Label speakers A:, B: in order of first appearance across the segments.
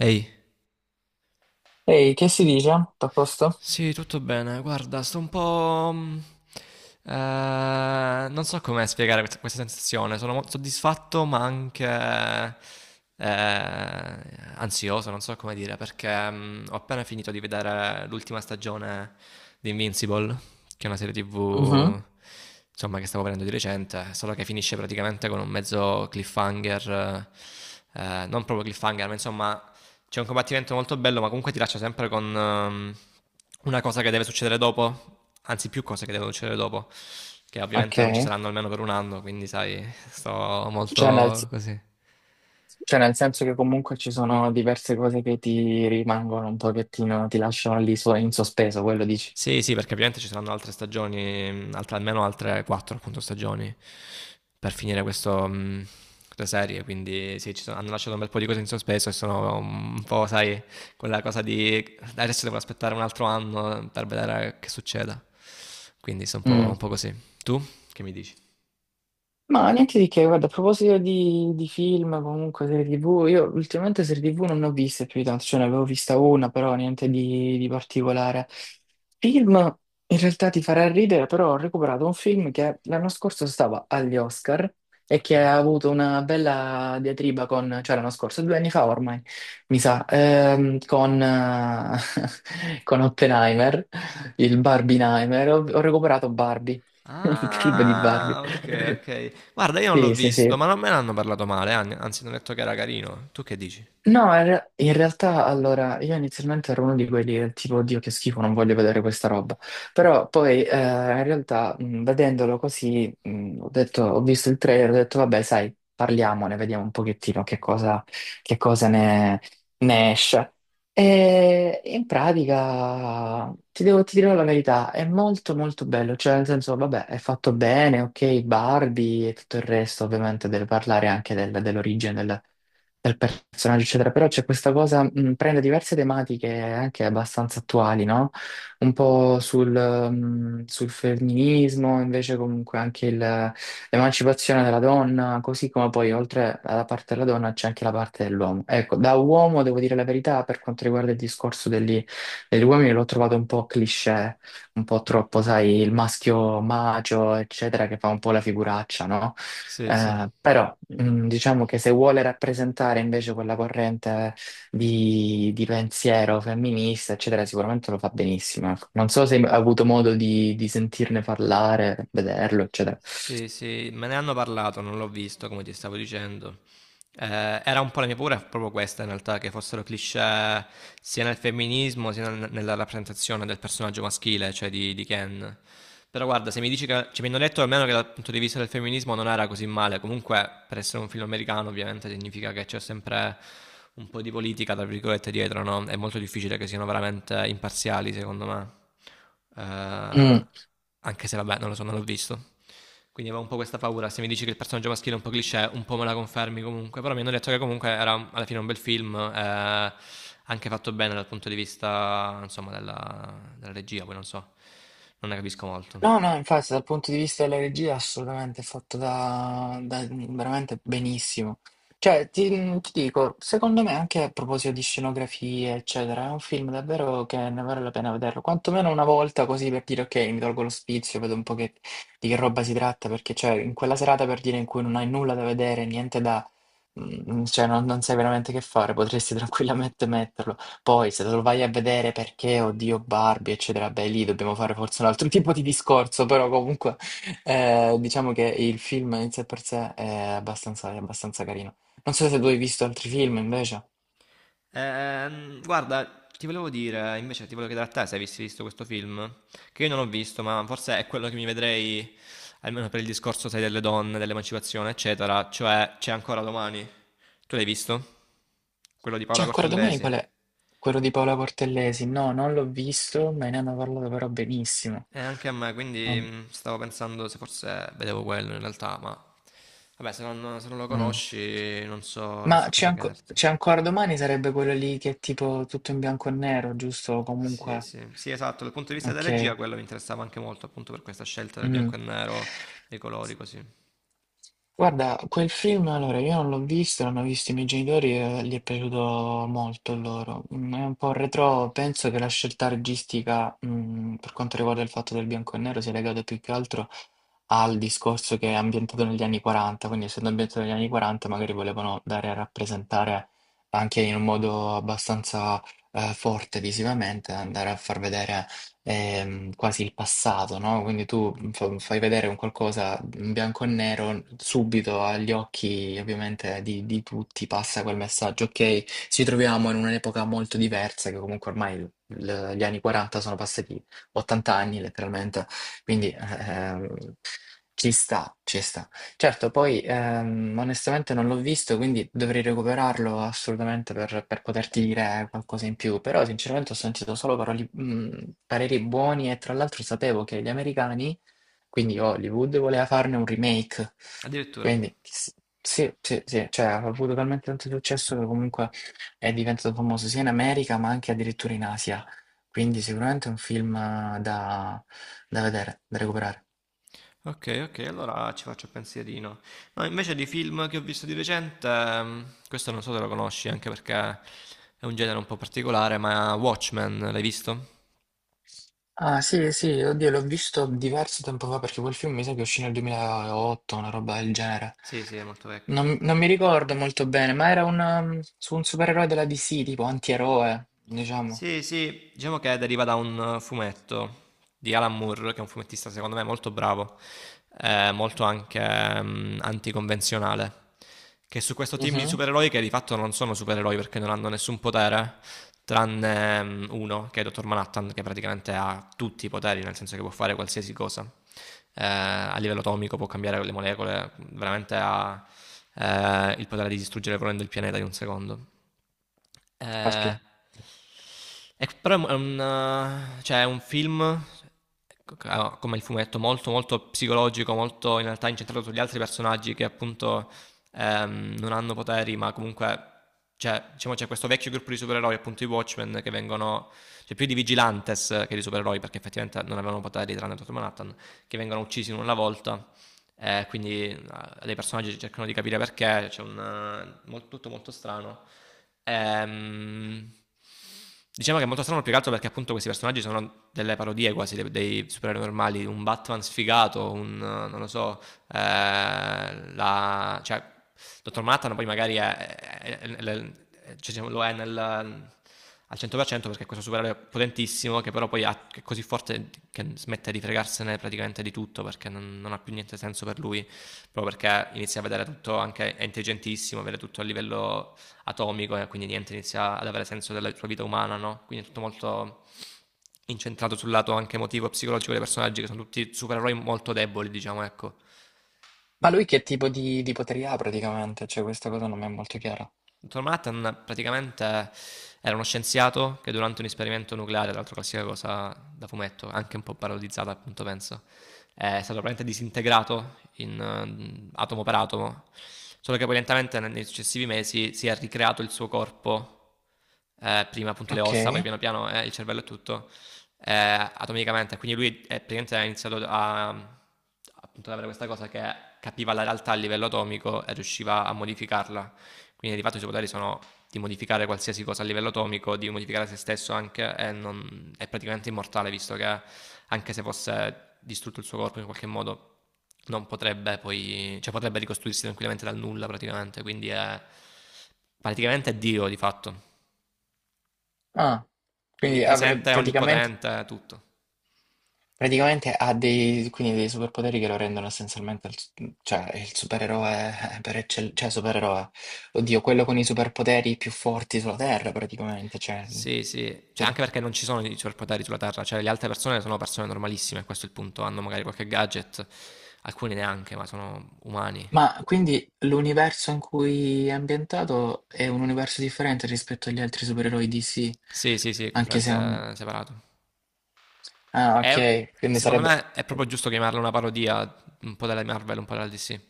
A: Ehi,
B: Ehi, che si dice? Tutto a posto?
A: sì, tutto bene. Guarda, sto un po'... non so come spiegare questa sensazione. Sono molto soddisfatto, ma anche eh, ansioso, non so come dire, perché ho appena finito di vedere l'ultima stagione di Invincible, che è una serie
B: Mhm.
A: TV, insomma, che stavo vedendo di recente, solo che finisce praticamente con un mezzo cliffhanger. Non proprio cliffhanger, ma insomma, c'è un combattimento molto bello, ma comunque ti lascia sempre con una cosa che deve succedere dopo, anzi più cose che devono succedere dopo, che
B: Ok,
A: ovviamente non ci saranno almeno per un anno, quindi sai, sto
B: cioè nel,
A: molto così.
B: cioè nel senso che comunque ci sono diverse cose che ti rimangono un pochettino, ti lasciano lì in sospeso, quello dici?
A: Sì, sì, perché ovviamente ci saranno altre stagioni, almeno altre quattro appunto stagioni per finire questo, questa serie, quindi sì, hanno lasciato un bel po' di cose in sospeso e sono un po', sai, quella cosa di adesso devo aspettare un altro anno per vedere che succeda. Quindi sono un po' così. Tu che mi dici?
B: Ma niente di che, guarda, a proposito di film, comunque serie TV, io ultimamente serie TV non ne ho viste più di tanto, cioè ne avevo vista una, però niente di particolare. Film, in realtà ti farà ridere, però ho recuperato un film che l'anno scorso stava agli Oscar e
A: Ok.
B: che ha avuto una bella diatriba con, cioè l'anno scorso, due anni fa ormai, mi sa, con, con Oppenheimer, il Barbieheimer, ho recuperato Barbie, il film di Barbie.
A: Ah, ok, ok. Guarda, io non l'ho
B: Sì, sì,
A: visto,
B: sì.
A: ma non me ne hanno parlato male, anzi, mi hanno detto che era carino. Tu che dici?
B: No, in realtà allora io inizialmente ero uno di quelli del tipo, Dio, che schifo, non voglio vedere questa roba. Però poi in realtà vedendolo così, ho detto, ho visto il trailer, ho detto, vabbè, sai, parliamone, vediamo un pochettino che cosa ne, ne esce. E in pratica ti dirò la verità, è molto molto bello, cioè nel senso, vabbè, è fatto bene, ok, Barbie e tutto il resto, ovviamente deve parlare anche dell'origine del personaggio, eccetera. Però c'è questa cosa, prende diverse tematiche anche abbastanza attuali, no? Un po' sul femminismo, invece comunque anche l'emancipazione della donna, così come poi oltre alla parte della donna c'è anche la parte dell'uomo. Ecco, da uomo devo dire la verità, per quanto riguarda il discorso degli uomini l'ho trovato un po' cliché, un po' troppo, sai, il maschio macio, eccetera, che fa un po' la figuraccia, no?
A: Sì, sì.
B: Però diciamo che se vuole rappresentare invece quella corrente di pensiero femminista, eccetera, sicuramente lo fa benissimo. Ecco. Non so se hai avuto modo di sentirne parlare, vederlo, eccetera.
A: Sì, sì, me ne hanno parlato, non l'ho visto, come ti stavo dicendo. Era un po' la mia paura, proprio questa in realtà, che fossero cliché sia nel femminismo sia nella rappresentazione del personaggio maschile, cioè di Ken. Però guarda, se mi dici che, cioè, mi hanno detto almeno che dal punto di vista del femminismo non era così male, comunque per essere un film americano ovviamente significa che c'è sempre un po' di politica, tra virgolette, dietro, no? È molto difficile che siano veramente imparziali, secondo me. Eh,
B: Mm.
A: Anche se vabbè, non lo so, non l'ho visto. Quindi avevo un po' questa paura. Se mi dici che il personaggio maschile è un po' cliché, un po' me la confermi comunque. Però mi hanno detto che comunque era alla fine un bel film, anche fatto bene dal punto di vista, insomma, della regia, poi non so, non ne capisco molto.
B: No, no, infatti dal punto di vista della regia assolutamente è fatto veramente benissimo. Cioè, ti, ti dico, secondo me anche a proposito di scenografie, eccetera, è un film davvero che ne vale la pena vederlo, quantomeno una volta così per dire ok, mi tolgo lo spizio, vedo un po' di che roba si tratta, perché cioè in quella serata per dire in cui non hai nulla da vedere, niente da... mm, cioè non sai veramente che fare, potresti tranquillamente metterlo. Poi se lo vai a vedere perché, oddio, Barbie, eccetera, beh, lì dobbiamo fare forse un altro tipo di discorso, però comunque diciamo che il film in sé per sé è è abbastanza carino. Non so se tu hai visto altri film invece.
A: Guarda, ti volevo dire, invece ti volevo chiedere a te se avessi visto questo film, che io non ho visto, ma forse è quello che mi vedrei, almeno per il discorso, sai, delle donne, dell'emancipazione, eccetera, cioè C'è ancora domani. Tu l'hai visto? Quello di
B: C'è
A: Paola
B: ancora domani qual
A: Cortellesi?
B: è? Quello di Paola Cortellesi? No, non l'ho visto, me ne hanno parlato però benissimo.
A: E anche a me, quindi
B: Non-
A: stavo pensando se forse vedevo quello in realtà, ma vabbè, se non lo
B: mm.
A: conosci non so,
B: Ma
A: cosa chiederti.
B: c'è ancora domani sarebbe quello lì che è tipo tutto in bianco e nero, giusto?
A: Sì,
B: Comunque,
A: sì, sì, esatto. Dal punto di vista della
B: ok.
A: regia, quello mi interessava anche molto, appunto per questa scelta del
B: Mh.
A: bianco e nero, dei colori così.
B: Guarda, quel film allora io non l'ho visto, l'hanno visto i miei genitori e gli è piaciuto molto a loro. Mhmm, è un po' retrò, penso che la scelta registica, mhmm, per quanto riguarda il fatto del bianco e nero sia legata più che altro al discorso che è ambientato negli anni '40, quindi essendo ambientato negli anni '40 magari volevano dare a rappresentare anche in un modo abbastanza, forte visivamente, andare a far vedere quasi il passato, no? Quindi tu fai vedere un qualcosa in bianco e nero, subito agli occhi ovviamente di tutti passa quel messaggio, ok? Ci troviamo in un'epoca molto diversa, che comunque ormai gli anni 40 sono passati 80 anni letteralmente, quindi ci sta, ci sta. Certo, poi onestamente non l'ho visto, quindi dovrei recuperarlo assolutamente per poterti dire qualcosa in più, però sinceramente ho sentito solo pareri buoni e tra l'altro sapevo che gli americani, quindi Hollywood, voleva farne un remake,
A: Addirittura.
B: quindi s- sì, sì, sì, cioè ha avuto talmente tanto successo che comunque è diventato famoso sia in America ma anche addirittura in Asia, quindi sicuramente è un film da vedere, da recuperare.
A: Ok, ok, allora ci faccio il pensierino. No, invece di film che ho visto di recente, questo non so se lo conosci, anche perché è un genere un po' particolare, ma Watchmen, l'hai visto?
B: Ah sì, sì, oddio, l'ho visto diverso tempo fa perché quel film mi sa che uscì nel 2008, una roba del genere.
A: Sì, sì, è molto vecchio.
B: Non mi ricordo molto bene, ma era su un supereroe della DC, tipo antieroe, diciamo.
A: Sì, sì, diciamo che deriva da un fumetto di Alan Moore, che è un fumettista secondo me molto bravo, molto anche anticonvenzionale, che su questo team di
B: Mhm.
A: supereroi che di fatto non sono supereroi perché non hanno nessun potere, tranne uno, che è Dottor Manhattan, che praticamente ha tutti i poteri, nel senso che può fare qualsiasi cosa. A livello atomico può cambiare le molecole, veramente ha il potere di distruggere volendo il pianeta in un secondo. Ehm,
B: Aspetta.
A: e c però è un, cioè è un film c c a come il fumetto, molto, molto psicologico, molto in realtà incentrato sugli altri personaggi che appunto, non hanno poteri, ma comunque cioè, diciamo c'è questo vecchio gruppo di supereroi, appunto i Watchmen, che vengono cioè più di vigilantes che di supereroi, perché effettivamente non avevano poteri tranne Dottor Manhattan, che vengono uccisi in una volta quindi le personaggi cercano di capire perché, c'è un, tutto molto strano. Ehm, diciamo che è molto strano più che altro perché appunto questi personaggi sono delle parodie quasi dei, supereroi normali, un Batman sfigato, un, non lo so, cioè, dottor Manhattan poi magari è, cioè, lo è nel, al 100% perché è questo supereroe potentissimo che però poi che è così forte che smette di fregarsene praticamente di tutto perché non ha più niente senso per lui, proprio perché inizia a vedere tutto, anche è intelligentissimo, vede tutto a livello atomico e quindi niente, inizia ad avere senso della sua vita umana, no? Quindi è tutto molto incentrato sul lato anche emotivo e psicologico dei personaggi che sono tutti supereroi molto deboli, diciamo, ecco.
B: Ma lui che tipo di poteri ha praticamente? Cioè, questa cosa non mi è molto chiara.
A: Dottor Manhattan praticamente era uno scienziato che durante un esperimento nucleare, tra l'altro classica cosa da fumetto, anche un po' parodizzata appunto penso, è stato praticamente disintegrato in, atomo per atomo, solo che poi lentamente nei successivi mesi si è ricreato il suo corpo, prima appunto le
B: Ok.
A: ossa, poi piano piano il cervello e tutto, eh, atomicamente, quindi lui è praticamente ha iniziato a, appunto, ad avere questa cosa che capiva la realtà a livello atomico e riusciva a modificarla quindi di fatto i superpoteri sono di modificare qualsiasi cosa a livello atomico, di modificare se stesso anche e è praticamente immortale visto che anche se fosse distrutto il suo corpo in qualche modo non potrebbe poi, cioè potrebbe ricostruirsi tranquillamente dal nulla praticamente, quindi è praticamente è Dio di fatto.
B: Ah, quindi avrei
A: Onnipresente,
B: praticamente.
A: onnipotente, tutto.
B: Praticamente ha dei, quindi dei superpoteri che lo rendono essenzialmente cioè, il supereroe per eccellenza, cioè supereroe, oddio, quello con i superpoteri più forti sulla Terra praticamente.
A: Sì, sì, cioè
B: Ter-
A: anche perché non ci sono i superpoteri sulla Terra, cioè le altre persone sono persone normalissime, questo è il punto, hanno magari qualche gadget, alcuni neanche, ma sono umani.
B: Ma quindi l'universo in cui è ambientato è un universo differente rispetto agli altri supereroi DC,
A: Sì, sì, sì, è
B: anche se è un...
A: completamente separato.
B: Ah, ok,
A: È-
B: quindi
A: Secondo
B: sarebbe...
A: me è proprio giusto chiamarla una parodia un po' della Marvel, un po' della DC.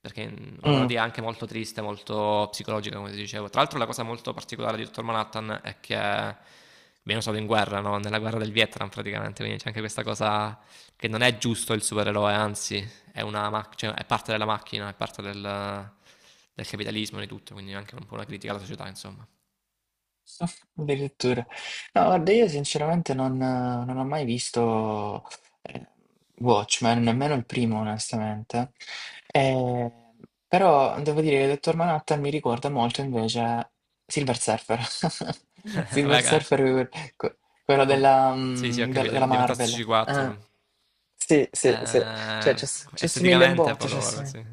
A: Perché una
B: Mm.
A: parodia anche molto triste, molto psicologica, come ti dicevo. Tra l'altro, la cosa molto particolare di Dottor Manhattan è che viene usato in guerra, no? Nella guerra del Vietnam, praticamente. Quindi c'è anche questa cosa che non è giusto il supereroe, anzi, cioè, è parte della macchina, è parte del capitalismo e di tutto. Quindi è anche un po' una critica alla società, insomma.
B: Addirittura. No, guarda, io sinceramente non ho mai visto eh, Watchmen, nemmeno il primo, onestamente. Eh, però devo dire che Dottor Manhattan mi ricorda molto invece Silver Surfer. Silver
A: Vabbè,
B: Surfer, que- quello
A: Com-
B: della,
A: sì, sì, ho capito,
B: della
A: diventa
B: Marvel. Ah,
A: C4.
B: sì, sì, sì. Cioè,
A: Eh,
B: ci assomiglia un
A: Esteticamente è
B: botto, ci
A: poco poco,
B: assomiglia.
A: sì.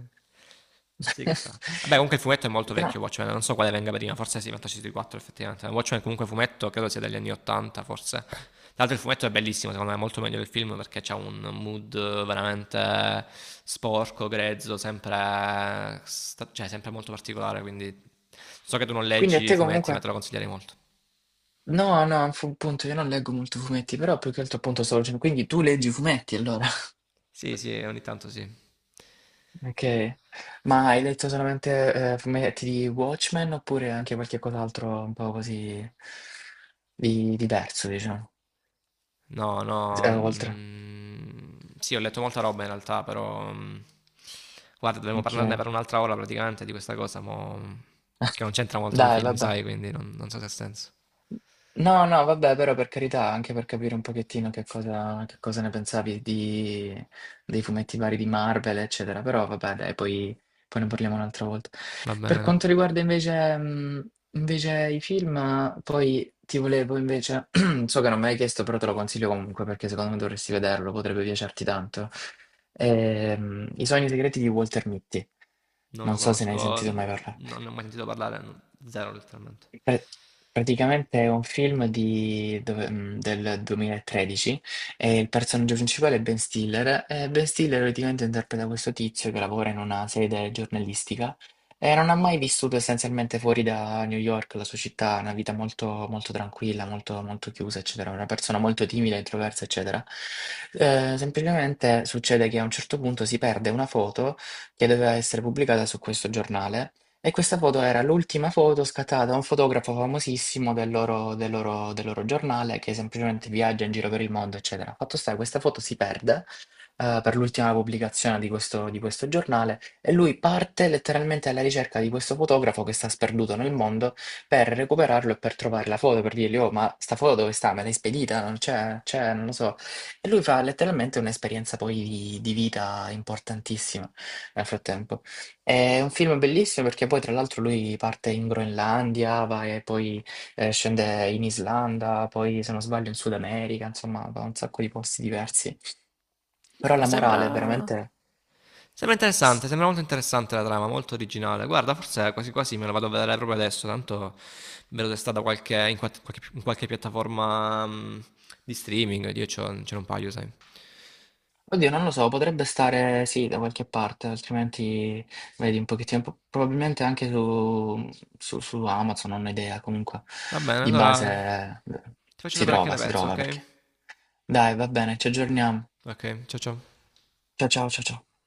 A: Sì, chissà. Vabbè, comunque il fumetto è molto
B: No.
A: vecchio, Watchmen, non so quale venga prima, forse sì, C4 effettivamente. Watchmen comunque fumetto, credo sia degli anni 80, forse. Tra l'altro il fumetto è bellissimo, secondo me è molto meglio del film perché c'ha un mood veramente sporco, grezzo, sempre, cioè, sempre molto particolare, quindi so che tu non
B: Quindi a
A: leggi i
B: te
A: fumetti, ma
B: comunque.
A: te lo consiglierei molto.
B: No, no, fu un punto, io non leggo molto fumetti, però più che altro appunto stavo dicendo, quindi tu leggi fumetti allora.
A: Sì, sì, ogni tanto sì.
B: Ok, ma hai letto solamente fumetti di Watchmen oppure anche qualche cos'altro un po' così diverso, diciamo,
A: No, no.
B: eh, oltre?
A: Mm, sì, ho letto molta roba in realtà, però. Guarda, dovremmo parlarne
B: Ok,
A: per un'altra ora praticamente di questa cosa, che non c'entra molto con i
B: dai,
A: film,
B: vabbè.
A: sai, quindi non so se ha senso.
B: No, no, vabbè, però per carità, anche per capire un pochettino che cosa ne pensavi dei fumetti vari di Marvel, eccetera. Però vabbè, poi ne parliamo un'altra volta.
A: Va
B: Per
A: bene.
B: quanto riguarda invece, invece i film, poi ti volevo invece, so che non me l'hai chiesto, però te lo consiglio comunque perché secondo me dovresti vederlo, potrebbe piacerti tanto. I sogni segreti di Walter Mitty.
A: Non lo
B: Non so se ne hai
A: conosco,
B: sentito mai parlare.
A: non ne ho mai sentito parlare, no, zero letteralmente.
B: Pra- Praticamente è un film del 2013 e il personaggio principale è Ben Stiller. E Ben Stiller praticamente interpreta questo tizio che lavora in una sede giornalistica e non ha mai vissuto essenzialmente fuori da New York, la sua città, una vita molto, molto tranquilla, molto, molto chiusa, eccetera. Una persona molto timida, introversa, eccetera. Semplicemente succede che a un certo punto si perde una foto che doveva essere pubblicata su questo giornale. E questa foto era l'ultima foto scattata da un fotografo famosissimo del loro giornale che semplicemente viaggia in giro per il mondo, eccetera. Fatto sta che questa foto si perde per l'ultima pubblicazione di questo giornale e lui parte letteralmente alla ricerca di questo fotografo che sta sperduto nel mondo per recuperarlo e per trovare la foto, per dirgli, oh, ma sta foto dove sta? Me l'hai spedita? Non c'è, c'è, non lo so. E lui fa letteralmente un'esperienza poi di vita importantissima nel frattempo. È un film bellissimo perché poi tra l'altro lui parte in Groenlandia, va e poi scende in Islanda, poi se non sbaglio in Sud America, insomma va un sacco di posti diversi. Però
A: Allora,
B: la morale è
A: sembra...
B: veramente...
A: Sembra interessante, sembra molto interessante la trama, molto originale. Guarda, forse quasi quasi me la vado a vedere proprio adesso, tanto vedo se sta da in qualche piattaforma di streaming, ce n'ho un paio, sai.
B: Oddio, non lo so, potrebbe stare sì da qualche parte, altrimenti vedi un pochettino, probabilmente anche su Amazon, non ho idea, comunque
A: Va bene,
B: di
A: allora ti
B: base
A: faccio sapere che ne
B: si
A: penso,
B: trova
A: ok?
B: perché. Dai, va bene, ci aggiorniamo.
A: Ok, ciao ciao.
B: Ciao ciao ciao ciao.